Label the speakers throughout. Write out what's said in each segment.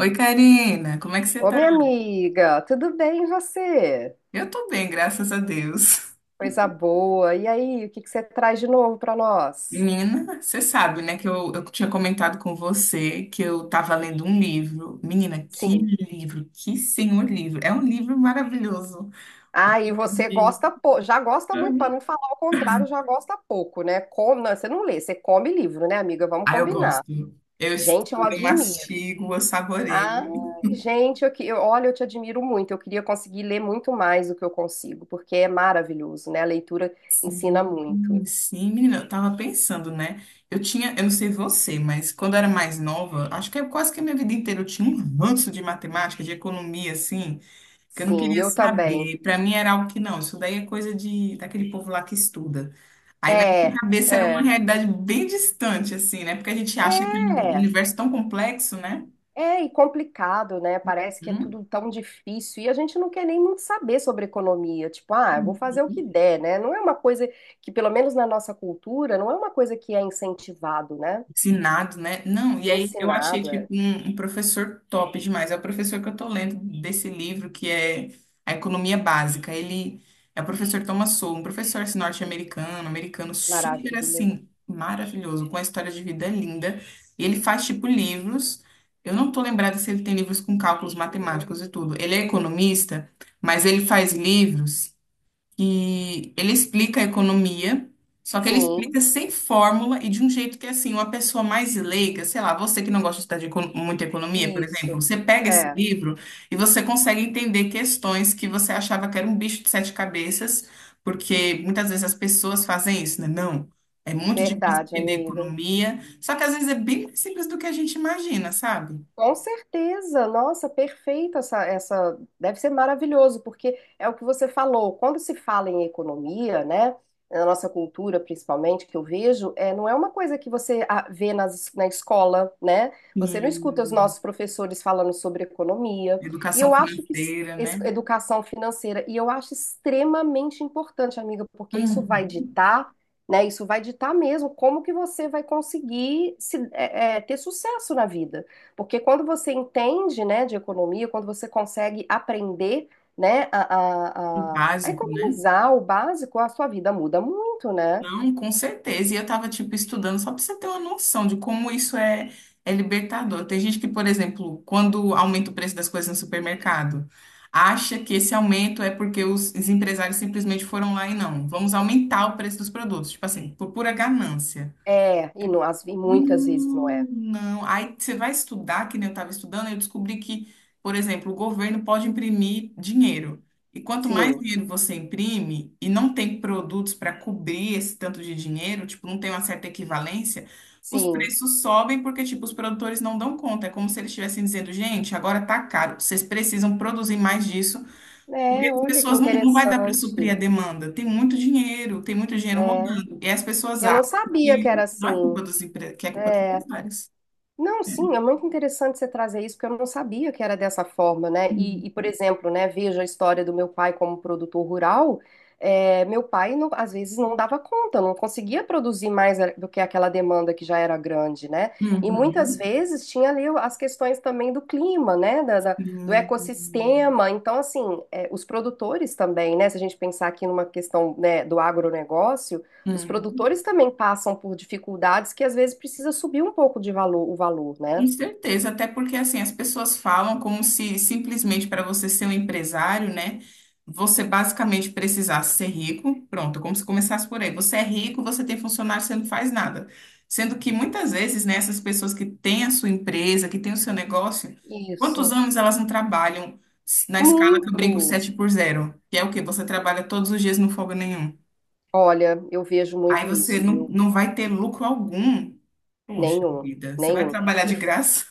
Speaker 1: Oi, Karina, como é que você
Speaker 2: Ô,
Speaker 1: tá?
Speaker 2: minha amiga, tudo bem e você?
Speaker 1: Eu tô bem, graças a Deus.
Speaker 2: Coisa boa. E aí, o que que você traz de novo para nós?
Speaker 1: Menina, você sabe, né, que eu tinha comentado com você que eu tava lendo um livro. Menina, que
Speaker 2: Sim.
Speaker 1: livro, que senhor livro. É um livro maravilhoso. Um
Speaker 2: Ah, e
Speaker 1: livro
Speaker 2: você
Speaker 1: de-
Speaker 2: gosta pouco, já gosta muito, para não falar o contrário, já gosta pouco, né? Com... Não, você não lê, você come livro, né, amiga? Vamos
Speaker 1: Ah, eu
Speaker 2: combinar.
Speaker 1: gosto. Eu
Speaker 2: Gente, eu
Speaker 1: estudo, eu
Speaker 2: admiro.
Speaker 1: mastigo, eu
Speaker 2: Ah,
Speaker 1: saboreio.
Speaker 2: gente, eu, te admiro muito. Eu queria conseguir ler muito mais do que eu consigo, porque é maravilhoso, né? A leitura ensina muito.
Speaker 1: Sim, menina, eu tava pensando, né? Eu não sei você, mas quando eu era mais nova, acho que é quase que a minha vida inteira eu tinha um ranço de matemática, de economia, assim. Que eu não
Speaker 2: Sim,
Speaker 1: queria
Speaker 2: eu também.
Speaker 1: saber. Para mim era algo que não, isso daí é coisa de daquele povo lá que estuda. Aí na
Speaker 2: É,
Speaker 1: minha cabeça era uma
Speaker 2: é.
Speaker 1: realidade bem distante, assim, né? Porque a gente acha que é um
Speaker 2: É.
Speaker 1: universo tão complexo, né?
Speaker 2: É, e complicado, né? Parece que é
Speaker 1: Hum?
Speaker 2: tudo tão difícil e a gente não quer nem muito saber sobre economia. Tipo, ah, eu vou fazer o que der, né? Não é uma coisa que, pelo menos na nossa cultura, não é uma coisa que é incentivado, né?
Speaker 1: Ensinado, né? Não, e aí eu achei,
Speaker 2: Ensinado,
Speaker 1: tipo,
Speaker 2: é.
Speaker 1: um professor top demais. É o professor que eu tô lendo desse livro, que é A Economia Básica. Ele é o professor Thomas Sowell, um professor assim, norte-americano, americano, super,
Speaker 2: Maravilha.
Speaker 1: assim, maravilhoso, com uma história de vida linda. E ele faz, tipo, livros... Eu não tô lembrada se ele tem livros com cálculos matemáticos e tudo. Ele é economista, mas ele faz livros que ele explica a economia, só que ele
Speaker 2: Sim,
Speaker 1: explica sem fórmula e de um jeito que, é assim, uma pessoa mais leiga, sei lá, você que não gosta de estudar de econo- muita economia, por exemplo,
Speaker 2: isso.
Speaker 1: você pega esse
Speaker 2: É,
Speaker 1: livro e você consegue entender questões que você achava que era um bicho de sete cabeças, porque muitas vezes as pessoas fazem isso, né? Não. É muito difícil
Speaker 2: verdade,
Speaker 1: entender
Speaker 2: amiga.
Speaker 1: economia, só que às vezes é bem mais simples do que a gente imagina, sabe?
Speaker 2: Com certeza, nossa, perfeito essa, deve ser maravilhoso, porque é o que você falou, quando se fala em economia, né, na nossa cultura principalmente, que eu vejo, é, não é uma coisa que você ah, vê na escola, né, você não escuta os
Speaker 1: Sim.
Speaker 2: nossos professores falando sobre economia, e
Speaker 1: Educação
Speaker 2: eu acho que
Speaker 1: financeira, né?
Speaker 2: educação financeira, e eu acho extremamente importante, amiga, porque isso vai
Speaker 1: Hum,
Speaker 2: ditar, né, isso vai ditar mesmo como que você vai conseguir se, é, é, ter sucesso na vida. Porque quando você entende, né, de economia, quando você consegue aprender, né, a
Speaker 1: básico, né?
Speaker 2: economizar o básico, a sua vida muda muito, né?
Speaker 1: Não, com certeza. E eu tava, tipo, estudando só pra você ter uma noção de como isso é, é libertador. Tem gente que, por exemplo, quando aumenta o preço das coisas no supermercado, acha que esse aumento é porque os empresários simplesmente foram lá e não, vamos aumentar o preço dos produtos. Tipo assim, por pura ganância.
Speaker 2: É, e, não, as, e muitas vezes não é.
Speaker 1: Não, aí você vai estudar, que nem eu estava estudando, eu descobri que, por exemplo, o governo pode imprimir dinheiro. E quanto mais
Speaker 2: Sim,
Speaker 1: dinheiro você imprime e não tem produtos para cobrir esse tanto de dinheiro, tipo, não tem uma certa equivalência, os
Speaker 2: sim.
Speaker 1: preços sobem porque, tipo, os produtores não dão conta. É como se eles estivessem dizendo, gente, agora tá caro, vocês precisam produzir mais disso porque
Speaker 2: É,
Speaker 1: as
Speaker 2: olha que
Speaker 1: pessoas não, não vai dar para suprir a
Speaker 2: interessante.
Speaker 1: demanda. Tem muito dinheiro
Speaker 2: É,
Speaker 1: rodando. E as pessoas
Speaker 2: eu
Speaker 1: acham
Speaker 2: não sabia que
Speaker 1: que
Speaker 2: era
Speaker 1: não
Speaker 2: assim.
Speaker 1: é culpa dos empre... que é culpa dos empresários.
Speaker 2: Não, sim, é muito interessante você trazer isso, porque eu não sabia que era dessa forma, né?
Speaker 1: Uhum.
Speaker 2: Por exemplo, né, veja a história do meu pai como produtor rural. É, meu pai, não- às vezes, não dava conta, não conseguia produzir mais a- do que aquela demanda que já era grande, né? E muitas vezes tinha ali as questões também do clima, né? Do
Speaker 1: Uhum.
Speaker 2: ecossistema. Então, assim, é, os produtores também, né? Se a gente pensar aqui numa questão, né, do agronegócio. Os
Speaker 1: Uhum.
Speaker 2: produtores também passam por dificuldades que às vezes precisa subir um pouco de valor, o valor,
Speaker 1: Com
Speaker 2: né?
Speaker 1: certeza, até porque assim, as pessoas falam como se simplesmente para você ser um empresário, né, você basicamente precisasse ser rico, pronto, como se começasse por aí. Você é rico, você tem funcionário, você não faz nada. Sendo que muitas vezes, né, essas pessoas que têm a sua empresa, que têm o seu negócio, quantos
Speaker 2: Isso.
Speaker 1: anos elas não trabalham na escala que eu brinco
Speaker 2: Muito.
Speaker 1: 7 por zero, que é o quê? Você trabalha todos os dias, não folga nenhum.
Speaker 2: Olha, eu vejo
Speaker 1: Aí
Speaker 2: muito
Speaker 1: você
Speaker 2: isso,
Speaker 1: não,
Speaker 2: viu?
Speaker 1: não vai ter lucro algum. Poxa
Speaker 2: Nenhum,
Speaker 1: vida, você vai
Speaker 2: nenhum.
Speaker 1: trabalhar
Speaker 2: E
Speaker 1: de graça?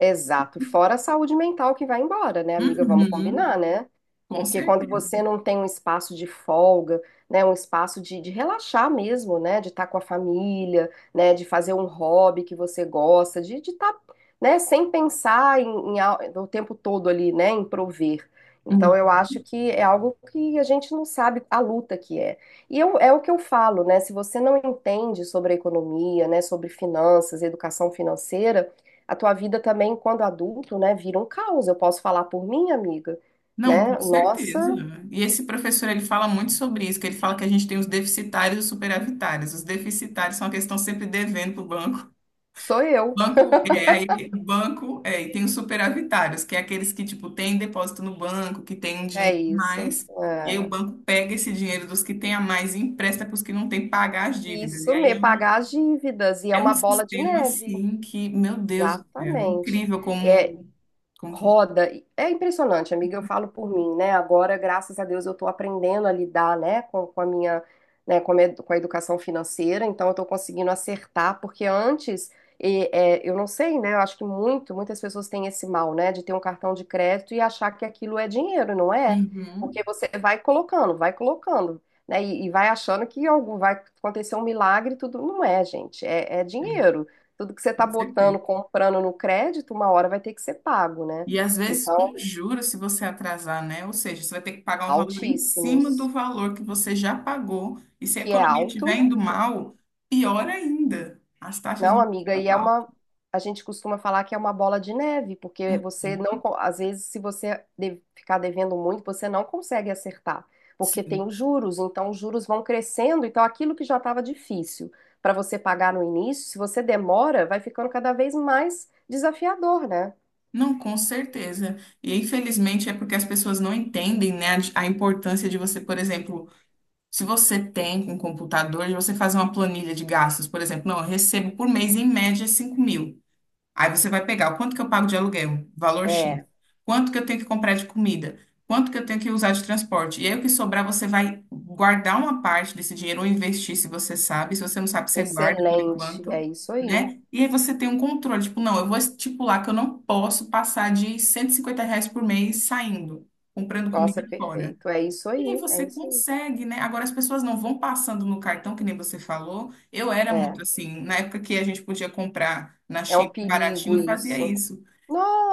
Speaker 2: exato, fora a saúde mental que vai embora, né, amiga? Vamos
Speaker 1: Uhum.
Speaker 2: combinar, né?
Speaker 1: Com
Speaker 2: Porque quando
Speaker 1: certeza.
Speaker 2: você não tem um espaço de folga, né, um espaço de relaxar mesmo, né, de estar com a família, né, de fazer um hobby que você gosta, de estar, né, sem pensar em, o tempo todo ali, né, em prover.
Speaker 1: Hum.
Speaker 2: Então, eu acho que é algo que a gente não sabe a luta que é. E eu, é o que eu falo, né? Se você não entende sobre a economia, né, sobre finanças, educação financeira, a tua vida também, quando adulto, né, vira um caos. Eu posso falar por mim, amiga,
Speaker 1: Não,
Speaker 2: né?
Speaker 1: com
Speaker 2: Nossa,
Speaker 1: certeza. E esse professor, ele fala muito sobre isso, que ele fala que a gente tem os deficitários e os superavitários. Os deficitários são aqueles que estão sempre devendo para o banco.
Speaker 2: sou eu.
Speaker 1: Banco, é, aí, banco, é, e tem os superavitários, que é aqueles que, tipo, têm depósito no banco, que têm um
Speaker 2: É
Speaker 1: dinheiro a
Speaker 2: isso.
Speaker 1: mais, e aí o
Speaker 2: É.
Speaker 1: banco pega esse dinheiro dos que têm a mais e empresta para os que não têm pagar as dívidas. E
Speaker 2: Isso
Speaker 1: aí
Speaker 2: mesmo, pagar as dívidas. E é
Speaker 1: é um
Speaker 2: uma bola de
Speaker 1: sistema,
Speaker 2: neve.
Speaker 1: assim, que, meu Deus do céu, é
Speaker 2: Exatamente.
Speaker 1: incrível
Speaker 2: É,
Speaker 1: como... como...
Speaker 2: roda. É impressionante, amiga, eu falo por mim, né? Agora, graças a Deus, eu tô aprendendo a lidar, né, com a minha, né, com a educação financeira, então eu tô conseguindo acertar, porque antes, e, é, eu não sei, né? Eu acho que muitas pessoas têm esse mal, né, de ter um cartão de crédito e achar que aquilo é dinheiro, não é?
Speaker 1: Uhum,
Speaker 2: Porque você vai colocando, vai colocando. Né, e vai achando que algo vai acontecer um milagre, e tudo não é, gente, é
Speaker 1: é,
Speaker 2: dinheiro tudo que você está
Speaker 1: com certeza.
Speaker 2: botando, comprando no crédito, uma hora vai ter que ser pago, né?
Speaker 1: E às vezes com
Speaker 2: Então,
Speaker 1: juros, se você atrasar, né? Ou seja, você vai ter que pagar um valor em cima do
Speaker 2: altíssimos,
Speaker 1: valor que você já pagou. E se a
Speaker 2: que é
Speaker 1: economia estiver
Speaker 2: alto.
Speaker 1: indo mal, pior ainda. As taxas vão
Speaker 2: Não, amiga,
Speaker 1: ficar
Speaker 2: e é
Speaker 1: mal.
Speaker 2: uma. A gente costuma falar que é uma bola de neve, porque você não.
Speaker 1: Uhum.
Speaker 2: Co- às vezes, se você de- ficar devendo muito, você não consegue acertar, porque tem
Speaker 1: Sim.
Speaker 2: os juros, então os juros vão crescendo, então aquilo que já estava difícil para você pagar no início, se você demora, vai ficando cada vez mais desafiador, né?
Speaker 1: Não, com certeza. E infelizmente é porque as pessoas não entendem, né, a importância de você, por exemplo, se você tem um computador, de você fazer uma planilha de gastos, por exemplo, não, eu recebo por mês em média 5.000. Aí você vai pegar o quanto que eu pago de aluguel, valor X,
Speaker 2: É,
Speaker 1: quanto que eu tenho que comprar de comida, quanto que eu tenho que usar de transporte. E aí o que sobrar, você vai guardar uma parte desse dinheiro ou investir, se você sabe. Se você não sabe, você guarda por
Speaker 2: excelente, é
Speaker 1: enquanto,
Speaker 2: isso aí.
Speaker 1: né? E aí você tem um controle, tipo, não, eu vou estipular que eu não posso passar de R$ 150 por mês saindo, comprando comida
Speaker 2: Nossa,
Speaker 1: fora.
Speaker 2: perfeito. É isso aí,
Speaker 1: E aí
Speaker 2: é
Speaker 1: você
Speaker 2: isso aí.
Speaker 1: consegue, né? Agora as pessoas não vão passando no cartão, que nem você falou. Eu era muito
Speaker 2: É,
Speaker 1: assim, na época que a gente podia comprar na
Speaker 2: é um
Speaker 1: Shein
Speaker 2: perigo
Speaker 1: baratinho, eu fazia
Speaker 2: isso.
Speaker 1: isso.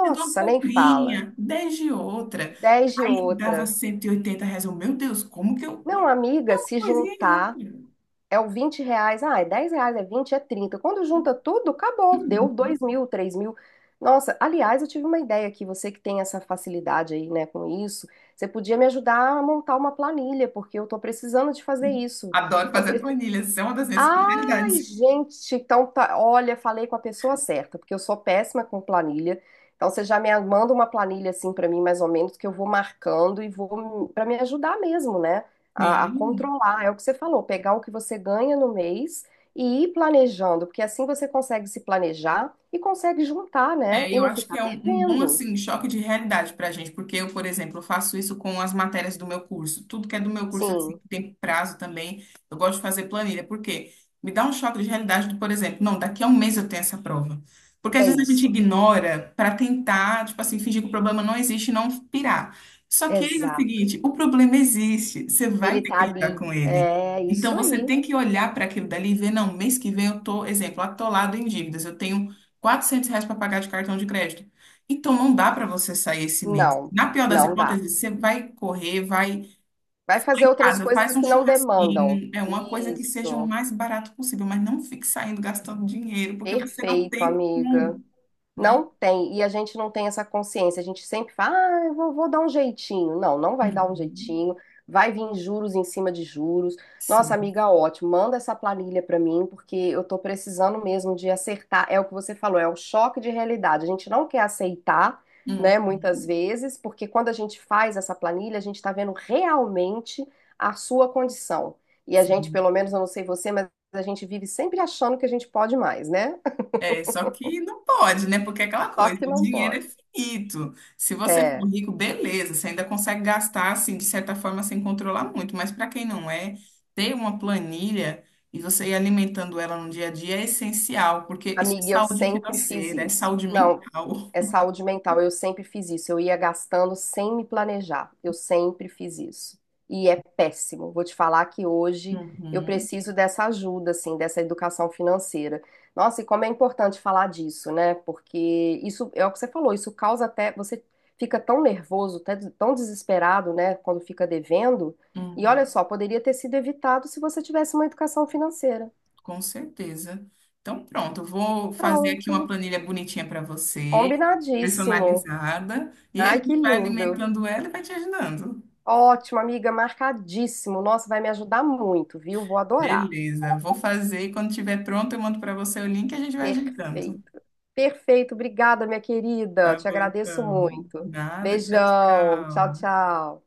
Speaker 1: Fiz uma
Speaker 2: nem fala.
Speaker 1: comprinha, 10 de outra.
Speaker 2: 10 de
Speaker 1: Aí dava
Speaker 2: outra.
Speaker 1: R$ 180. Eu, meu Deus, como que eu...
Speaker 2: Não, amiga,
Speaker 1: Uma
Speaker 2: se
Speaker 1: coisinha e
Speaker 2: juntar
Speaker 1: outra.
Speaker 2: é o 20 reais. Ah, é 10 reais, é 20 é 30. Quando junta tudo, acabou. Deu
Speaker 1: Uhum.
Speaker 2: 2.000, 3.000. Nossa, aliás, eu tive uma ideia aqui. Você que tem essa facilidade aí, né, com isso, você podia me ajudar a montar uma planilha, porque eu tô precisando de fazer isso.
Speaker 1: Adoro fazer planilhas, isso é uma das minhas
Speaker 2: Ai,
Speaker 1: prioridades.
Speaker 2: gente, então tá. Olha, falei com a pessoa certa, porque eu sou péssima com planilha. Então você já me manda uma planilha assim pra mim, mais ou menos, que eu vou marcando e vou para me ajudar mesmo, né? A
Speaker 1: Sim.
Speaker 2: controlar. É o que você falou, pegar o que você ganha no mês e ir planejando, porque assim você consegue se planejar e consegue juntar, né?
Speaker 1: É,
Speaker 2: E
Speaker 1: eu
Speaker 2: não
Speaker 1: acho que
Speaker 2: ficar
Speaker 1: é um bom
Speaker 2: devendo.
Speaker 1: assim choque de realidade para a gente, porque eu, por exemplo, faço isso com as matérias do meu curso. Tudo que é do meu curso assim
Speaker 2: Sim,
Speaker 1: que tem prazo também, eu gosto de fazer planilha, porque me dá um choque de realidade do, por exemplo, não, daqui a um mês eu tenho essa prova. Porque às
Speaker 2: é
Speaker 1: vezes a gente
Speaker 2: isso.
Speaker 1: ignora para tentar, tipo assim, fingir que o problema não existe e não pirar. Só que é o
Speaker 2: Exato.
Speaker 1: seguinte, o problema existe, você vai
Speaker 2: Ele
Speaker 1: ter
Speaker 2: tá
Speaker 1: que lidar
Speaker 2: ali.
Speaker 1: com ele.
Speaker 2: É
Speaker 1: Então
Speaker 2: isso
Speaker 1: você
Speaker 2: aí.
Speaker 1: tem que olhar para aquilo dali e ver, não, mês que vem eu tô, exemplo, atolado em dívidas, eu tenho R$ 400 para pagar de cartão de crédito. Então, não dá para você sair esse mês.
Speaker 2: Não,
Speaker 1: Na pior das
Speaker 2: não dá.
Speaker 1: hipóteses, você vai correr, vai.
Speaker 2: Vai
Speaker 1: Você vai
Speaker 2: fazer
Speaker 1: em
Speaker 2: outras
Speaker 1: casa, faz
Speaker 2: coisas
Speaker 1: um
Speaker 2: que não demandam.
Speaker 1: churrasquinho, é uma coisa que seja o
Speaker 2: Isso.
Speaker 1: mais barato possível, mas não fique saindo gastando dinheiro, porque você não
Speaker 2: Perfeito,
Speaker 1: tem
Speaker 2: amiga.
Speaker 1: como, né?
Speaker 2: Não tem, e a gente não tem essa consciência. A gente sempre fala, ah, vou dar um jeitinho. Não, não vai dar um
Speaker 1: Uhum,
Speaker 2: jeitinho. Vai vir juros em cima de juros. Nossa,
Speaker 1: sim.
Speaker 2: amiga, ótimo. Manda essa planilha para mim, porque eu tô precisando mesmo de acertar. É o que você falou, é o choque de realidade. A gente não quer aceitar, né, muitas
Speaker 1: Uhum,
Speaker 2: vezes, porque quando a gente faz essa planilha, a gente está vendo realmente a sua condição. E a gente,
Speaker 1: sim.
Speaker 2: pelo menos, eu não sei você, mas a gente vive sempre achando que a gente pode mais, né?
Speaker 1: É, só que não pode, né? Porque é aquela
Speaker 2: Só
Speaker 1: coisa,
Speaker 2: que
Speaker 1: o
Speaker 2: não
Speaker 1: dinheiro é
Speaker 2: pode.
Speaker 1: finito. Se você for
Speaker 2: É.
Speaker 1: rico, beleza, você ainda consegue gastar, assim, de certa forma, sem controlar muito. Mas para quem não é, ter uma planilha e você ir alimentando ela no dia a dia é essencial, porque isso é
Speaker 2: Amiga, eu
Speaker 1: saúde
Speaker 2: sempre fiz
Speaker 1: financeira, é
Speaker 2: isso.
Speaker 1: saúde
Speaker 2: Não,
Speaker 1: mental.
Speaker 2: é saúde mental. Eu sempre fiz isso. Eu ia gastando sem me planejar. Eu sempre fiz isso. E é péssimo. Vou te falar que hoje eu
Speaker 1: Uhum,
Speaker 2: preciso dessa ajuda, assim, dessa educação financeira. Nossa, e como é importante falar disso, né? Porque isso é o que você falou, isso causa até. Você fica tão nervoso, até tão desesperado, né, quando fica devendo. E
Speaker 1: uhum,
Speaker 2: olha só, poderia ter sido evitado se você tivesse uma educação financeira.
Speaker 1: com certeza. Então, pronto, eu vou fazer aqui uma
Speaker 2: Pronto.
Speaker 1: planilha bonitinha para você,
Speaker 2: Combinadíssimo.
Speaker 1: personalizada, e a
Speaker 2: Ai, que
Speaker 1: gente vai
Speaker 2: lindo.
Speaker 1: alimentando ela e vai te ajudando.
Speaker 2: Ótimo, amiga, marcadíssimo. Nossa, vai me ajudar muito, viu? Vou adorar.
Speaker 1: Beleza, vou fazer e quando estiver pronto eu mando para você o link e a gente vai ajeitando.
Speaker 2: Perfeito. Perfeito, obrigada, minha querida.
Speaker 1: Tá
Speaker 2: Te
Speaker 1: bom,
Speaker 2: agradeço
Speaker 1: então.
Speaker 2: muito.
Speaker 1: Nada, tchau,
Speaker 2: Beijão. Tchau,
Speaker 1: tchau.
Speaker 2: tchau.